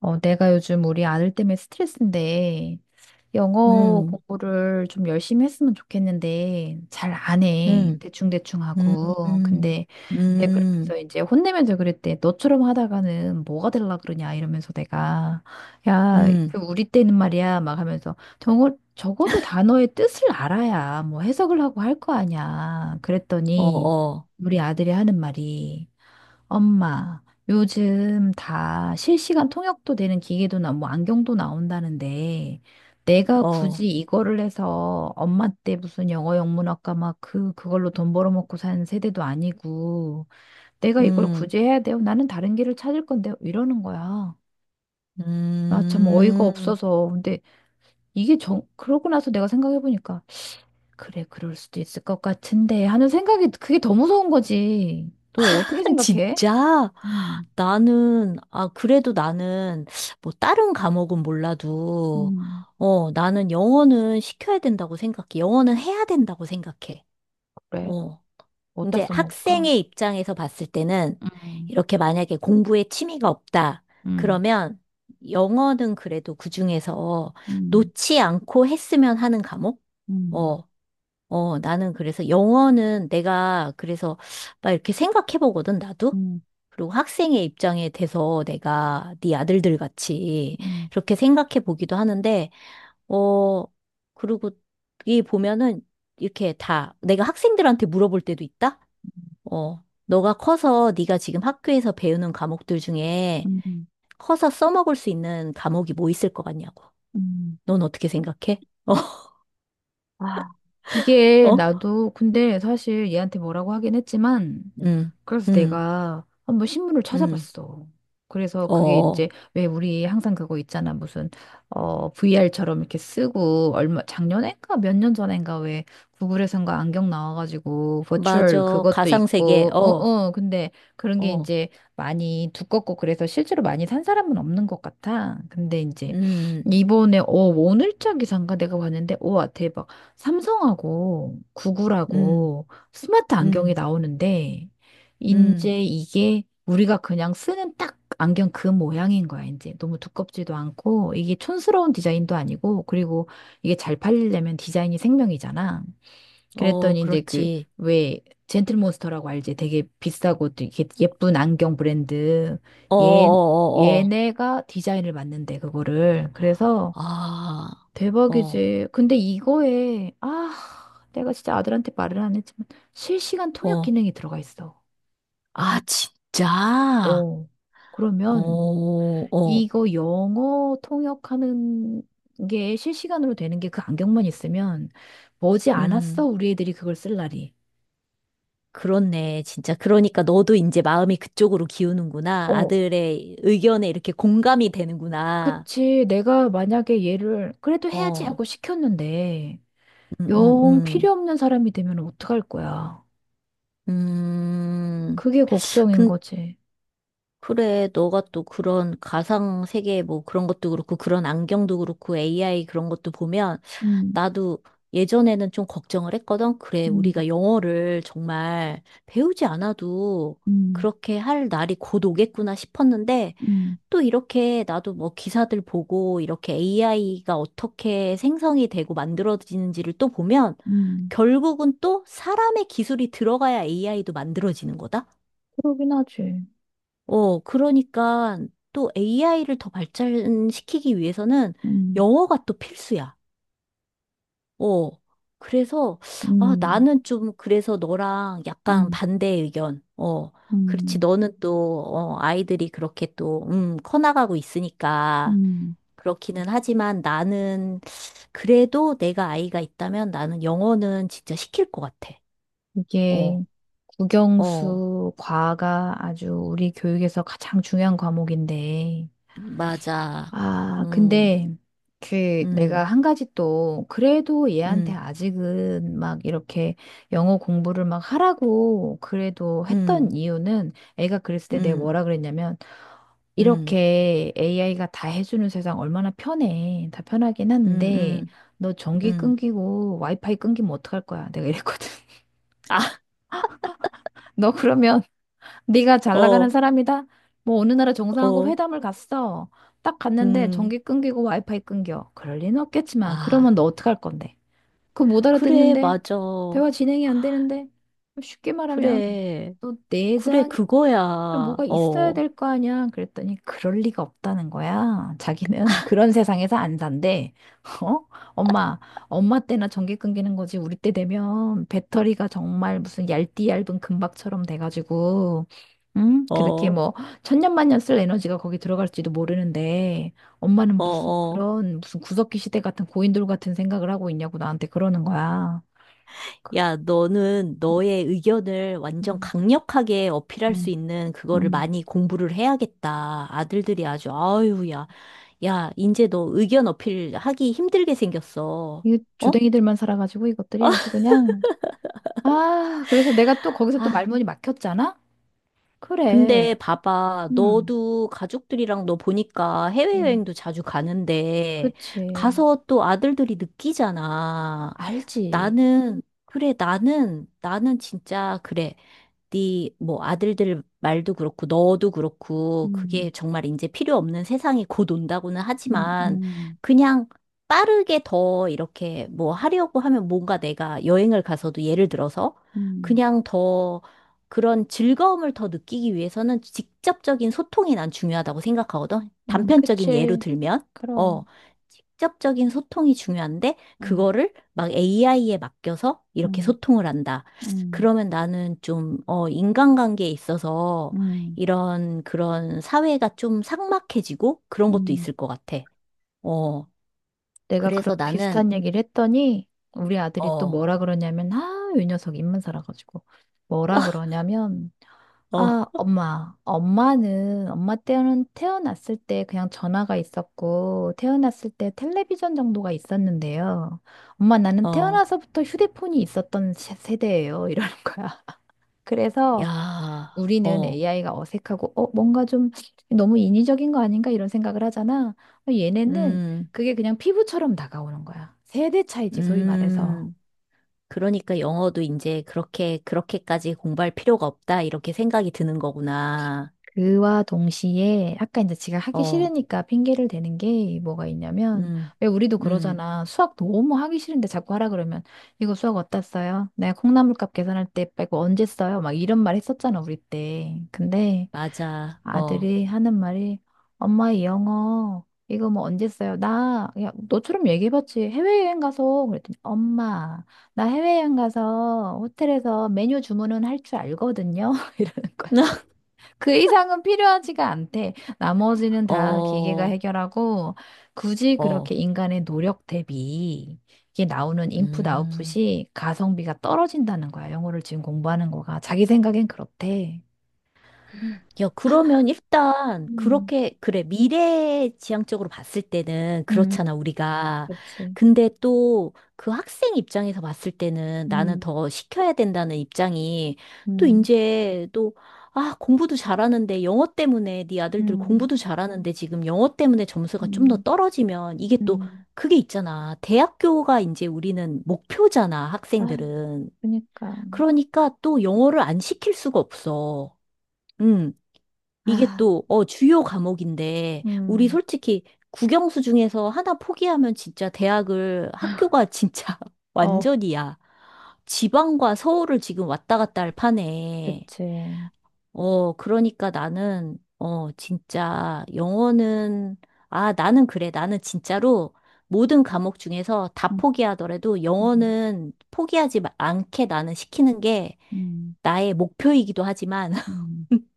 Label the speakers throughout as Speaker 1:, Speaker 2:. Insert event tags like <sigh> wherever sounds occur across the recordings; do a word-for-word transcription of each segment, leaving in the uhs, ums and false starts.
Speaker 1: 어, 내가 요즘 우리 아들 때문에 스트레스인데, 영어
Speaker 2: 음,
Speaker 1: 공부를 좀 열심히 했으면 좋겠는데, 잘 안 해.
Speaker 2: 음,
Speaker 1: 대충대충
Speaker 2: 음,
Speaker 1: 하고.
Speaker 2: 음,
Speaker 1: 근데, 내가 그러면서
Speaker 2: 음,
Speaker 1: 이제 혼내면서 그랬대. 너처럼 하다가는 뭐가 될라 그러냐, 이러면서 내가. 야,
Speaker 2: 음.
Speaker 1: 그 우리 때는 말이야, 막 하면서. 정어, 적어도
Speaker 2: <laughs>
Speaker 1: 단어의 뜻을 알아야 뭐 해석을 하고 할 거 아니야.
Speaker 2: 어,
Speaker 1: 그랬더니,
Speaker 2: 어,
Speaker 1: 우리 아들이 하는 말이, 엄마, 요즘 다 실시간 통역도 되는 기계도 나오고 안경도 나온다는데 내가
Speaker 2: 어,
Speaker 1: 굳이 이거를 해서 엄마 때 무슨 영어 영문학과 막 그 그걸로 돈 벌어먹고 산 세대도 아니고 내가 이걸
Speaker 2: 음,
Speaker 1: 굳이 해야 돼요? 나는 다른 길을 찾을 건데 이러는 거야. 나 참 어이가
Speaker 2: 음.
Speaker 1: 없어서 근데 이게 정 그러고 나서 내가 생각해 보니까 그래 그럴 수도 있을 것 같은데 하는 생각이 그게 더 무서운 거지. 너 어떻게
Speaker 2: <laughs>
Speaker 1: 생각해?
Speaker 2: 진짜?
Speaker 1: 음,
Speaker 2: 나는, 아, 그래도 나는, 뭐, 다른 과목은 몰라도,
Speaker 1: 음.
Speaker 2: 어, 나는 영어는 시켜야 된다고 생각해. 영어는 해야 된다고 생각해.
Speaker 1: 그래.
Speaker 2: 어.
Speaker 1: 어디다
Speaker 2: 이제
Speaker 1: 써먹을까?
Speaker 2: 학생의 입장에서 봤을 때는
Speaker 1: 음,
Speaker 2: 이렇게 만약에 공부에 취미가 없다.
Speaker 1: 음,
Speaker 2: 그러면 영어는 그래도 그중에서
Speaker 1: 음,
Speaker 2: 놓지 않고 했으면 하는 과목?
Speaker 1: 음,
Speaker 2: 어, 어, 나는 그래서 영어는 내가 그래서 막 이렇게 생각해 보거든, 나도.
Speaker 1: 음,
Speaker 2: 그리고 학생의 입장에 대해서 내가 네 아들들 같이
Speaker 1: 음,
Speaker 2: 그렇게 생각해 보기도 하는데, 어, 그리고 이 보면은 이렇게 다 내가 학생들한테 물어볼 때도 있다? 어, 너가 커서 네가 지금 학교에서 배우는 과목들 중에
Speaker 1: 음, 음.
Speaker 2: 커서 써먹을 수 있는 과목이 뭐 있을 것 같냐고.
Speaker 1: 음.
Speaker 2: 넌 어떻게 생각해? <laughs>
Speaker 1: 아,
Speaker 2: 어?
Speaker 1: 그게
Speaker 2: 어?
Speaker 1: 나도 근데 사실 얘한테 뭐라고 하긴 했지만
Speaker 2: 응,
Speaker 1: 그래서
Speaker 2: 응,
Speaker 1: 내가 한번 신문을
Speaker 2: 응.
Speaker 1: 찾아봤어. 그래서
Speaker 2: 어,
Speaker 1: 그게
Speaker 2: 어.
Speaker 1: 이제 왜 우리 항상 그거 있잖아. 무슨 어 브이알처럼 이렇게 쓰고 얼마 작년인가 몇 년 전인가 왜 구글에선가 안경 나와가지고 버추얼
Speaker 2: 맞아.
Speaker 1: 그것도
Speaker 2: 가상세계.
Speaker 1: 있고
Speaker 2: 어,
Speaker 1: 어어 근데 그런 게
Speaker 2: 어.
Speaker 1: 이제 많이 두껍고 그래서 실제로 많이 산 사람은 없는 것 같아. 근데 이제
Speaker 2: 음,
Speaker 1: 이번에 어 오늘자 기사인가 내가 봤는데 우와 대박 삼성하고
Speaker 2: 음,
Speaker 1: 구글하고 스마트 안경이
Speaker 2: 음,
Speaker 1: 나오는데
Speaker 2: 음.
Speaker 1: 이제 이게 우리가 그냥 쓰는 딱 안경 그 모양인 거야, 이제. 너무 두껍지도 않고, 이게 촌스러운 디자인도 아니고, 그리고 이게 잘 팔리려면 디자인이 생명이잖아.
Speaker 2: 어,
Speaker 1: 그랬더니 이제 그,
Speaker 2: 그렇지.
Speaker 1: 왜, 젠틀몬스터라고 알지? 되게 비싸고 또 이게 예쁜 안경 브랜드.
Speaker 2: 어, 어,
Speaker 1: 얘,
Speaker 2: 어, 어.
Speaker 1: 얘네가 디자인을 맡는데, 그거를. 그래서
Speaker 2: 아, 어,
Speaker 1: 대박이지. 근데 이거에, 아, 내가 진짜 아들한테 말을 안 했지만, 실시간 통역
Speaker 2: 어.
Speaker 1: 기능이 들어가 있어.
Speaker 2: 아, 진짜?
Speaker 1: 어,
Speaker 2: 어,
Speaker 1: 그러면
Speaker 2: 어.
Speaker 1: 이거 영어 통역하는 게 실시간으로 되는 게 그 안경만 있으면 머지 않았어,
Speaker 2: 음.
Speaker 1: 우리 애들이 그걸 쓸 날이.
Speaker 2: 그렇네. 진짜. 그러니까 너도 이제 마음이 그쪽으로 기우는구나.
Speaker 1: 어,
Speaker 2: 아들의 의견에 이렇게 공감이 되는구나.
Speaker 1: 그치. 내가 만약에 얘를 그래도 해야지
Speaker 2: 어,
Speaker 1: 하고 시켰는데
Speaker 2: 음, 음,
Speaker 1: 영 필요
Speaker 2: 음.
Speaker 1: 없는 사람이 되면 어떡할 거야.
Speaker 2: 음,
Speaker 1: 그게 걱정인
Speaker 2: 근,
Speaker 1: 거지.
Speaker 2: 그래. 너가 또 그런 가상 세계 뭐 그런 것도 그렇고, 그런 안경도 그렇고, 에이아이 그런 것도 보면,
Speaker 1: 음,
Speaker 2: 나도 예전에는 좀 걱정을 했거든. 그래.
Speaker 1: 음,
Speaker 2: 우리가 영어를 정말 배우지 않아도
Speaker 1: 음,
Speaker 2: 그렇게 할 날이 곧 오겠구나 싶었는데,
Speaker 1: 음,
Speaker 2: 또 이렇게 나도 뭐 기사들 보고 이렇게 에이아이가 어떻게 생성이 되고 만들어지는지를 또 보면
Speaker 1: 음,
Speaker 2: 결국은 또 사람의 기술이 들어가야 에이아이도 만들어지는 거다?
Speaker 1: 그러긴 하지.
Speaker 2: 어, 그러니까 또 에이아이를 더 발전시키기 위해서는
Speaker 1: 음,
Speaker 2: 영어가 또 필수야. 어, 그래서 아,
Speaker 1: 음,
Speaker 2: 나는 좀 그래서 너랑 약간
Speaker 1: 음,
Speaker 2: 반대 의견. 어, 그렇지.
Speaker 1: 음,
Speaker 2: 너는 또, 어, 아이들이 그렇게 또, 음, 커나가고 있으니까.
Speaker 1: 음.
Speaker 2: 그렇기는 하지만 나는 그래도 내가 아이가 있다면 나는 영어는 진짜 시킬 것 같아. 어,
Speaker 1: 이게
Speaker 2: 어,
Speaker 1: 국영수 과가 아주 우리 교육에서 가장 중요한 과목인데,
Speaker 2: 맞아.
Speaker 1: 아,
Speaker 2: 음,
Speaker 1: 근데 그 내가
Speaker 2: 음,
Speaker 1: 한 가지 또 그래도 얘한테
Speaker 2: 음,
Speaker 1: 아직은 막 이렇게 영어 공부를 막 하라고 그래도 했던
Speaker 2: 음,
Speaker 1: 이유는 애가 그랬을 때 내가
Speaker 2: 음,
Speaker 1: 뭐라 그랬냐면
Speaker 2: 음,
Speaker 1: 이렇게 에이아이가 다 해주는 세상 얼마나 편해. 다 편하긴
Speaker 2: 음,
Speaker 1: 한데
Speaker 2: 음,
Speaker 1: 너 전기
Speaker 2: 음.
Speaker 1: 끊기고 와이파이 끊기면 어떡할 거야? 내가 이랬거든. <laughs>
Speaker 2: 아,
Speaker 1: 너 그러면 네가 잘 나가는
Speaker 2: 어,
Speaker 1: 사람이다? 뭐 어느 나라 정상하고
Speaker 2: 어,
Speaker 1: 회담을 갔어. 딱 갔는데
Speaker 2: 음.
Speaker 1: 전기 끊기고 와이파이 끊겨. 그럴 리는 없겠지만 그러면
Speaker 2: 아,
Speaker 1: 너 어떡할 건데? 그거 못
Speaker 2: 그래,
Speaker 1: 알아듣는데?
Speaker 2: 맞아.
Speaker 1: 대화 진행이 안 되는데? 쉽게 말하면
Speaker 2: 그래,
Speaker 1: 너
Speaker 2: 그래,
Speaker 1: 내장이
Speaker 2: 그거야.
Speaker 1: 뭐가 있어야
Speaker 2: 어,
Speaker 1: 될 거 아니야? 그랬더니 그럴 리가 없다는 거야. 자기는 <laughs> 그런 세상에서 안 산대. <laughs> 어? 엄마, 엄마 때나 전기 끊기는 거지. 우리 때 되면 배터리가 정말 무슨 얇디얇은 금박처럼 돼가지고, 응? 그렇게
Speaker 2: 어,
Speaker 1: 뭐 천년만년 쓸 에너지가 거기 들어갈지도 모르는데, 엄마는
Speaker 2: 어,
Speaker 1: 무슨
Speaker 2: 어.
Speaker 1: 그런 무슨 구석기 시대 같은 고인돌 같은 생각을 하고 있냐고 나한테 그러는 거야.
Speaker 2: 야, 너는 너의 의견을 완전
Speaker 1: 음,
Speaker 2: 강력하게 어필할 수
Speaker 1: 음,
Speaker 2: 있는 그거를
Speaker 1: 음.
Speaker 2: 많이 공부를 해야겠다. 아들들이 아주, 아유, 야, 야, 이제 너 의견 어필하기 힘들게 생겼어.
Speaker 1: 이
Speaker 2: 어?
Speaker 1: 조댕이들만 살아가지고 이것들이 아주 그냥. 아, 그래서 내가 또 거기서 또
Speaker 2: 아,
Speaker 1: 말문이 막혔잖아?
Speaker 2: 근데
Speaker 1: 그래.
Speaker 2: 봐봐.
Speaker 1: 응,
Speaker 2: 너도 가족들이랑 너 보니까
Speaker 1: 응.
Speaker 2: 해외여행도 자주 가는데,
Speaker 1: 그치.
Speaker 2: 가서 또 아들들이 느끼잖아.
Speaker 1: 알지.
Speaker 2: 나는, 그래, 나는, 나는 진짜, 그래. 네 뭐 아들들 말도 그렇고 너도 그렇고
Speaker 1: 응,
Speaker 2: 그게 정말 이제 필요 없는 세상이 곧 온다고는
Speaker 1: 응,
Speaker 2: 하지만
Speaker 1: 응,
Speaker 2: 그냥 빠르게 더 이렇게 뭐 하려고 하면 뭔가 내가 여행을 가서도 예를 들어서
Speaker 1: 응,
Speaker 2: 그냥 더 그런 즐거움을 더 느끼기 위해서는 직접적인 소통이 난 중요하다고 생각하거든.
Speaker 1: 응.
Speaker 2: 단편적인 예로
Speaker 1: 그치.
Speaker 2: 들면 어
Speaker 1: 그럼.
Speaker 2: 직접적인 소통이 중요한데
Speaker 1: 응,
Speaker 2: 그거를 막 에이아이에 맡겨서 이렇게
Speaker 1: 응,
Speaker 2: 소통을 한다.
Speaker 1: 응,
Speaker 2: 그러면 나는 좀, 어, 인간관계에 있어서
Speaker 1: 응,
Speaker 2: 이런 그런 사회가 좀 삭막해지고 그런 것도
Speaker 1: 응.
Speaker 2: 있을 것 같아. 어,
Speaker 1: 내가 그런
Speaker 2: 그래서 나는,
Speaker 1: 비슷한 얘기를 했더니 우리 아들이 또
Speaker 2: 어,
Speaker 1: 뭐라 그러냐면, 아, 이 녀석 입만 살아가지고. 뭐라 그러냐면,
Speaker 2: 어,
Speaker 1: 아, 엄마. 엄마는, 엄마 때는 태어났을 때 그냥 전화가 있었고, 태어났을 때 텔레비전 정도가 있었는데요. 엄마, 나는
Speaker 2: 어,
Speaker 1: 태어나서부터 휴대폰이 있었던 세- 세대예요. 이러는 거야. <laughs> 그래서
Speaker 2: 야,
Speaker 1: 우리는
Speaker 2: 어,
Speaker 1: 에이아이가 어색하고, 어, 뭔가 좀 너무 인위적인 거 아닌가 이런 생각을 하잖아. 어, 얘네는
Speaker 2: 음,
Speaker 1: 그게 그냥 피부처럼 다가오는 거야. 세대 차이지, 소위 말해서.
Speaker 2: 음. 그러니까 영어도 이제 그렇게, 그렇게까지 공부할 필요가 없다, 이렇게 생각이 드는 거구나.
Speaker 1: 그와 동시에 아까 이제 제가 하기
Speaker 2: 어,
Speaker 1: 싫으니까 핑계를 대는 게 뭐가 있냐면
Speaker 2: 음,
Speaker 1: 왜 우리도
Speaker 2: 음,
Speaker 1: 그러잖아. 수학 너무 하기 싫은데 자꾸 하라 그러면 이거 수학 어디다 써요? 내가 콩나물값 계산할 때 빼고 언제 써요? 막 이런 말 했었잖아, 우리 때. 근데
Speaker 2: 맞아, 어,
Speaker 1: 아들이 하는 말이 엄마 이 영어 이거 뭐 언제 써요? 나 야, 너처럼 얘기해봤지. 해외여행 가서 그랬더니 엄마 나 해외여행 가서 호텔에서 메뉴 주문은 할 줄 알거든요. <laughs> 이러는 거야.
Speaker 2: <laughs>
Speaker 1: 그 이상은 필요하지가 않대. 나머지는 다 기계가
Speaker 2: 어,
Speaker 1: 해결하고 굳이 그렇게
Speaker 2: 어,
Speaker 1: 인간의 노력 대비 이게 나오는 인풋
Speaker 2: 음.
Speaker 1: 아웃풋이 가성비가 떨어진다는 거야. 영어를 지금 공부하는 거가 자기 생각엔 그렇대.
Speaker 2: 야, 그러면 일단
Speaker 1: 음,
Speaker 2: 그렇게 그래 미래 지향적으로 봤을 때는
Speaker 1: 음.
Speaker 2: 그렇잖아 우리가.
Speaker 1: 그치.
Speaker 2: 근데 또 그 학생 입장에서 봤을 때는 나는
Speaker 1: 음,
Speaker 2: 더 시켜야 된다는 입장이 또
Speaker 1: 음,
Speaker 2: 이제 또 아, 공부도 잘하는데 영어 때문에 네 아들들
Speaker 1: 음,
Speaker 2: 공부도 잘하는데 지금 영어 때문에 점수가 좀 더
Speaker 1: 음,
Speaker 2: 떨어지면 이게 또
Speaker 1: 음.
Speaker 2: 그게 있잖아. 대학교가 이제 우리는 목표잖아,
Speaker 1: 아,
Speaker 2: 학생들은.
Speaker 1: 그니까.
Speaker 2: 그러니까 또 영어를 안 시킬 수가 없어. 응. 이게
Speaker 1: 아,
Speaker 2: 또, 어, 주요 과목인데, 우리
Speaker 1: 음.
Speaker 2: 솔직히 국영수 중에서 하나 포기하면 진짜 대학을, 학교가 진짜 <laughs>
Speaker 1: 어,
Speaker 2: 완전이야. 지방과 서울을 지금 왔다 갔다 할 판에,
Speaker 1: 그치. 음,
Speaker 2: 어, 그러니까 나는, 어, 진짜 영어는, 아, 나는 그래. 나는 진짜로 모든 과목 중에서 다 포기하더라도
Speaker 1: 음,
Speaker 2: 영어는 포기하지 마- 않게 나는 시키는 게
Speaker 1: 음.
Speaker 2: 나의 목표이기도 하지만,
Speaker 1: 음.
Speaker 2: <laughs>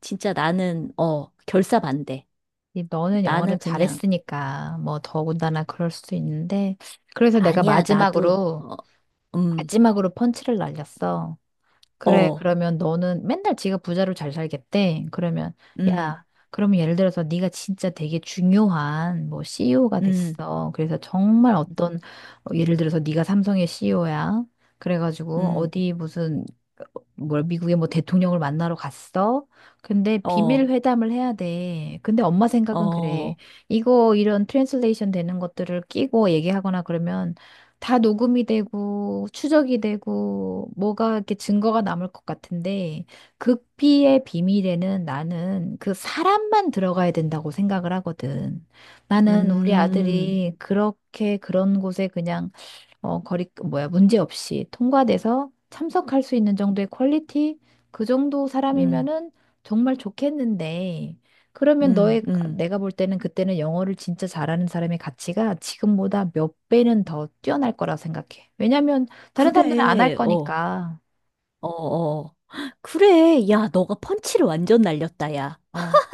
Speaker 2: 진짜 나는, 어, 결사반대.
Speaker 1: 이 너는 영어를
Speaker 2: 나는 그냥,
Speaker 1: 잘했으니까 뭐 더군다나 그럴 수도 있는데 그래서 내가
Speaker 2: 아니야, 나도,
Speaker 1: 마지막으로
Speaker 2: 어, 음,
Speaker 1: 마지막으로 펀치를 날렸어. 그래,
Speaker 2: 어,
Speaker 1: 그러면 너는 맨날 지가 부자로 잘 살겠대. 그러면
Speaker 2: 음,
Speaker 1: 야, 그러면 예를 들어서 네가 진짜 되게 중요한 뭐 씨이오가
Speaker 2: 음,
Speaker 1: 됐어. 그래서 정말 어떤 어, 예를 들어서 네가 삼성의 씨이오야. 그래가지고
Speaker 2: 음,
Speaker 1: 어디 무슨 뭐야, 미국의 뭐 대통령을 만나러 갔어? 근데
Speaker 2: 어,
Speaker 1: 비밀 회담을 해야 돼. 근데 엄마 생각은 그래.
Speaker 2: 어,
Speaker 1: 이거 이런 트랜슬레이션 되는 것들을 끼고 얘기하거나 그러면 다 녹음이 되고 추적이 되고 뭐가 이렇게 증거가 남을 것 같은데 극비의 비밀에는 나는 그 사람만 들어가야 된다고 생각을 하거든. 나는 우리
Speaker 2: 음,
Speaker 1: 아들이 그렇게 그런 곳에 그냥 어, 거리, 뭐야, 문제 없이 통과돼서 참석할 수 있는 정도의 퀄리티? 그 정도
Speaker 2: 음,
Speaker 1: 사람이면은 정말 좋겠는데, 그러면
Speaker 2: 음,
Speaker 1: 너의,
Speaker 2: 음.
Speaker 1: 내가 볼 때는 그때는 영어를 진짜 잘하는 사람의 가치가 지금보다 몇 배는 더 뛰어날 거라 생각해. 왜냐면 다른 사람들은 안 할
Speaker 2: 그래, 어,
Speaker 1: 거니까.
Speaker 2: 어, 어. 그래, 야, 너가 펀치를 완전 날렸다, 야.
Speaker 1: 어,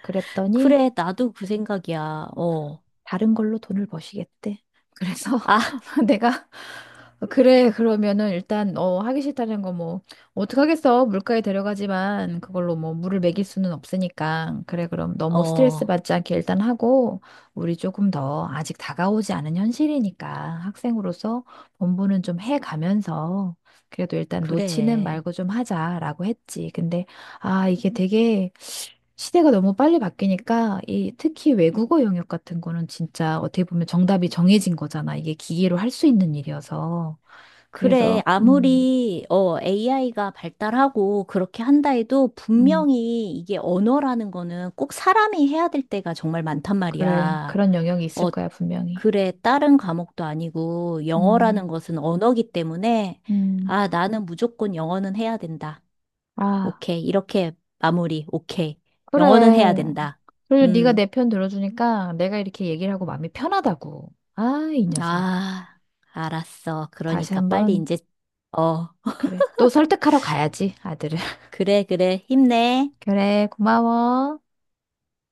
Speaker 1: 그랬더니
Speaker 2: 그래, 나도 그 생각이야, 어.
Speaker 1: 다른 걸로 돈을 버시겠대. 그래서
Speaker 2: 아,
Speaker 1: <laughs> 내가 그래 그러면은 일단 어 하기 싫다는 거 뭐 어떡하겠어 물가에 데려가지만 그걸로 뭐 물을 먹일 수는 없으니까 그래 그럼 너무 스트레스
Speaker 2: 어,
Speaker 1: 받지 않게 일단 하고 우리 조금 더 아직 다가오지 않은 현실이니까 학생으로서 본부는 좀 해 가면서 그래도 일단 놓치는
Speaker 2: 그래.
Speaker 1: 말고 좀 하자라고 했지. 근데 아 이게 되게 시대가 너무 빨리 바뀌니까 이 특히 외국어 영역 같은 거는 진짜 어떻게 보면 정답이 정해진 거잖아. 이게 기계로 할 수 있는 일이어서.
Speaker 2: 그래,
Speaker 1: 그래서 음,
Speaker 2: 아무리, 어, 에이아이가 발달하고 그렇게 한다 해도
Speaker 1: 음,
Speaker 2: 분명히 이게 언어라는 거는 꼭 사람이 해야 될 때가 정말 많단
Speaker 1: 그래.
Speaker 2: 말이야.
Speaker 1: 그런 영역이 있을
Speaker 2: 어,
Speaker 1: 거야, 분명히.
Speaker 2: 그래, 다른 과목도 아니고 영어라는
Speaker 1: 음,
Speaker 2: 것은 언어기 때문에,
Speaker 1: 음.
Speaker 2: 아, 나는 무조건 영어는 해야 된다.
Speaker 1: 아,
Speaker 2: 오케이. 이렇게 마무리. 오케이. 영어는 해야
Speaker 1: 그래.
Speaker 2: 된다.
Speaker 1: 그리고 네가
Speaker 2: 음,
Speaker 1: 내 편 들어주니까 내가 이렇게 얘기를 하고 마음이 편하다고. 아, 이 녀석.
Speaker 2: 아, 알았어.
Speaker 1: 다시
Speaker 2: 그러니까 빨리
Speaker 1: 한번
Speaker 2: 이제, 어,
Speaker 1: 그래. 또 설득하러 가야지, 아들을. <laughs>
Speaker 2: 그래, 그래. 힘내.
Speaker 1: 그래, 고마워.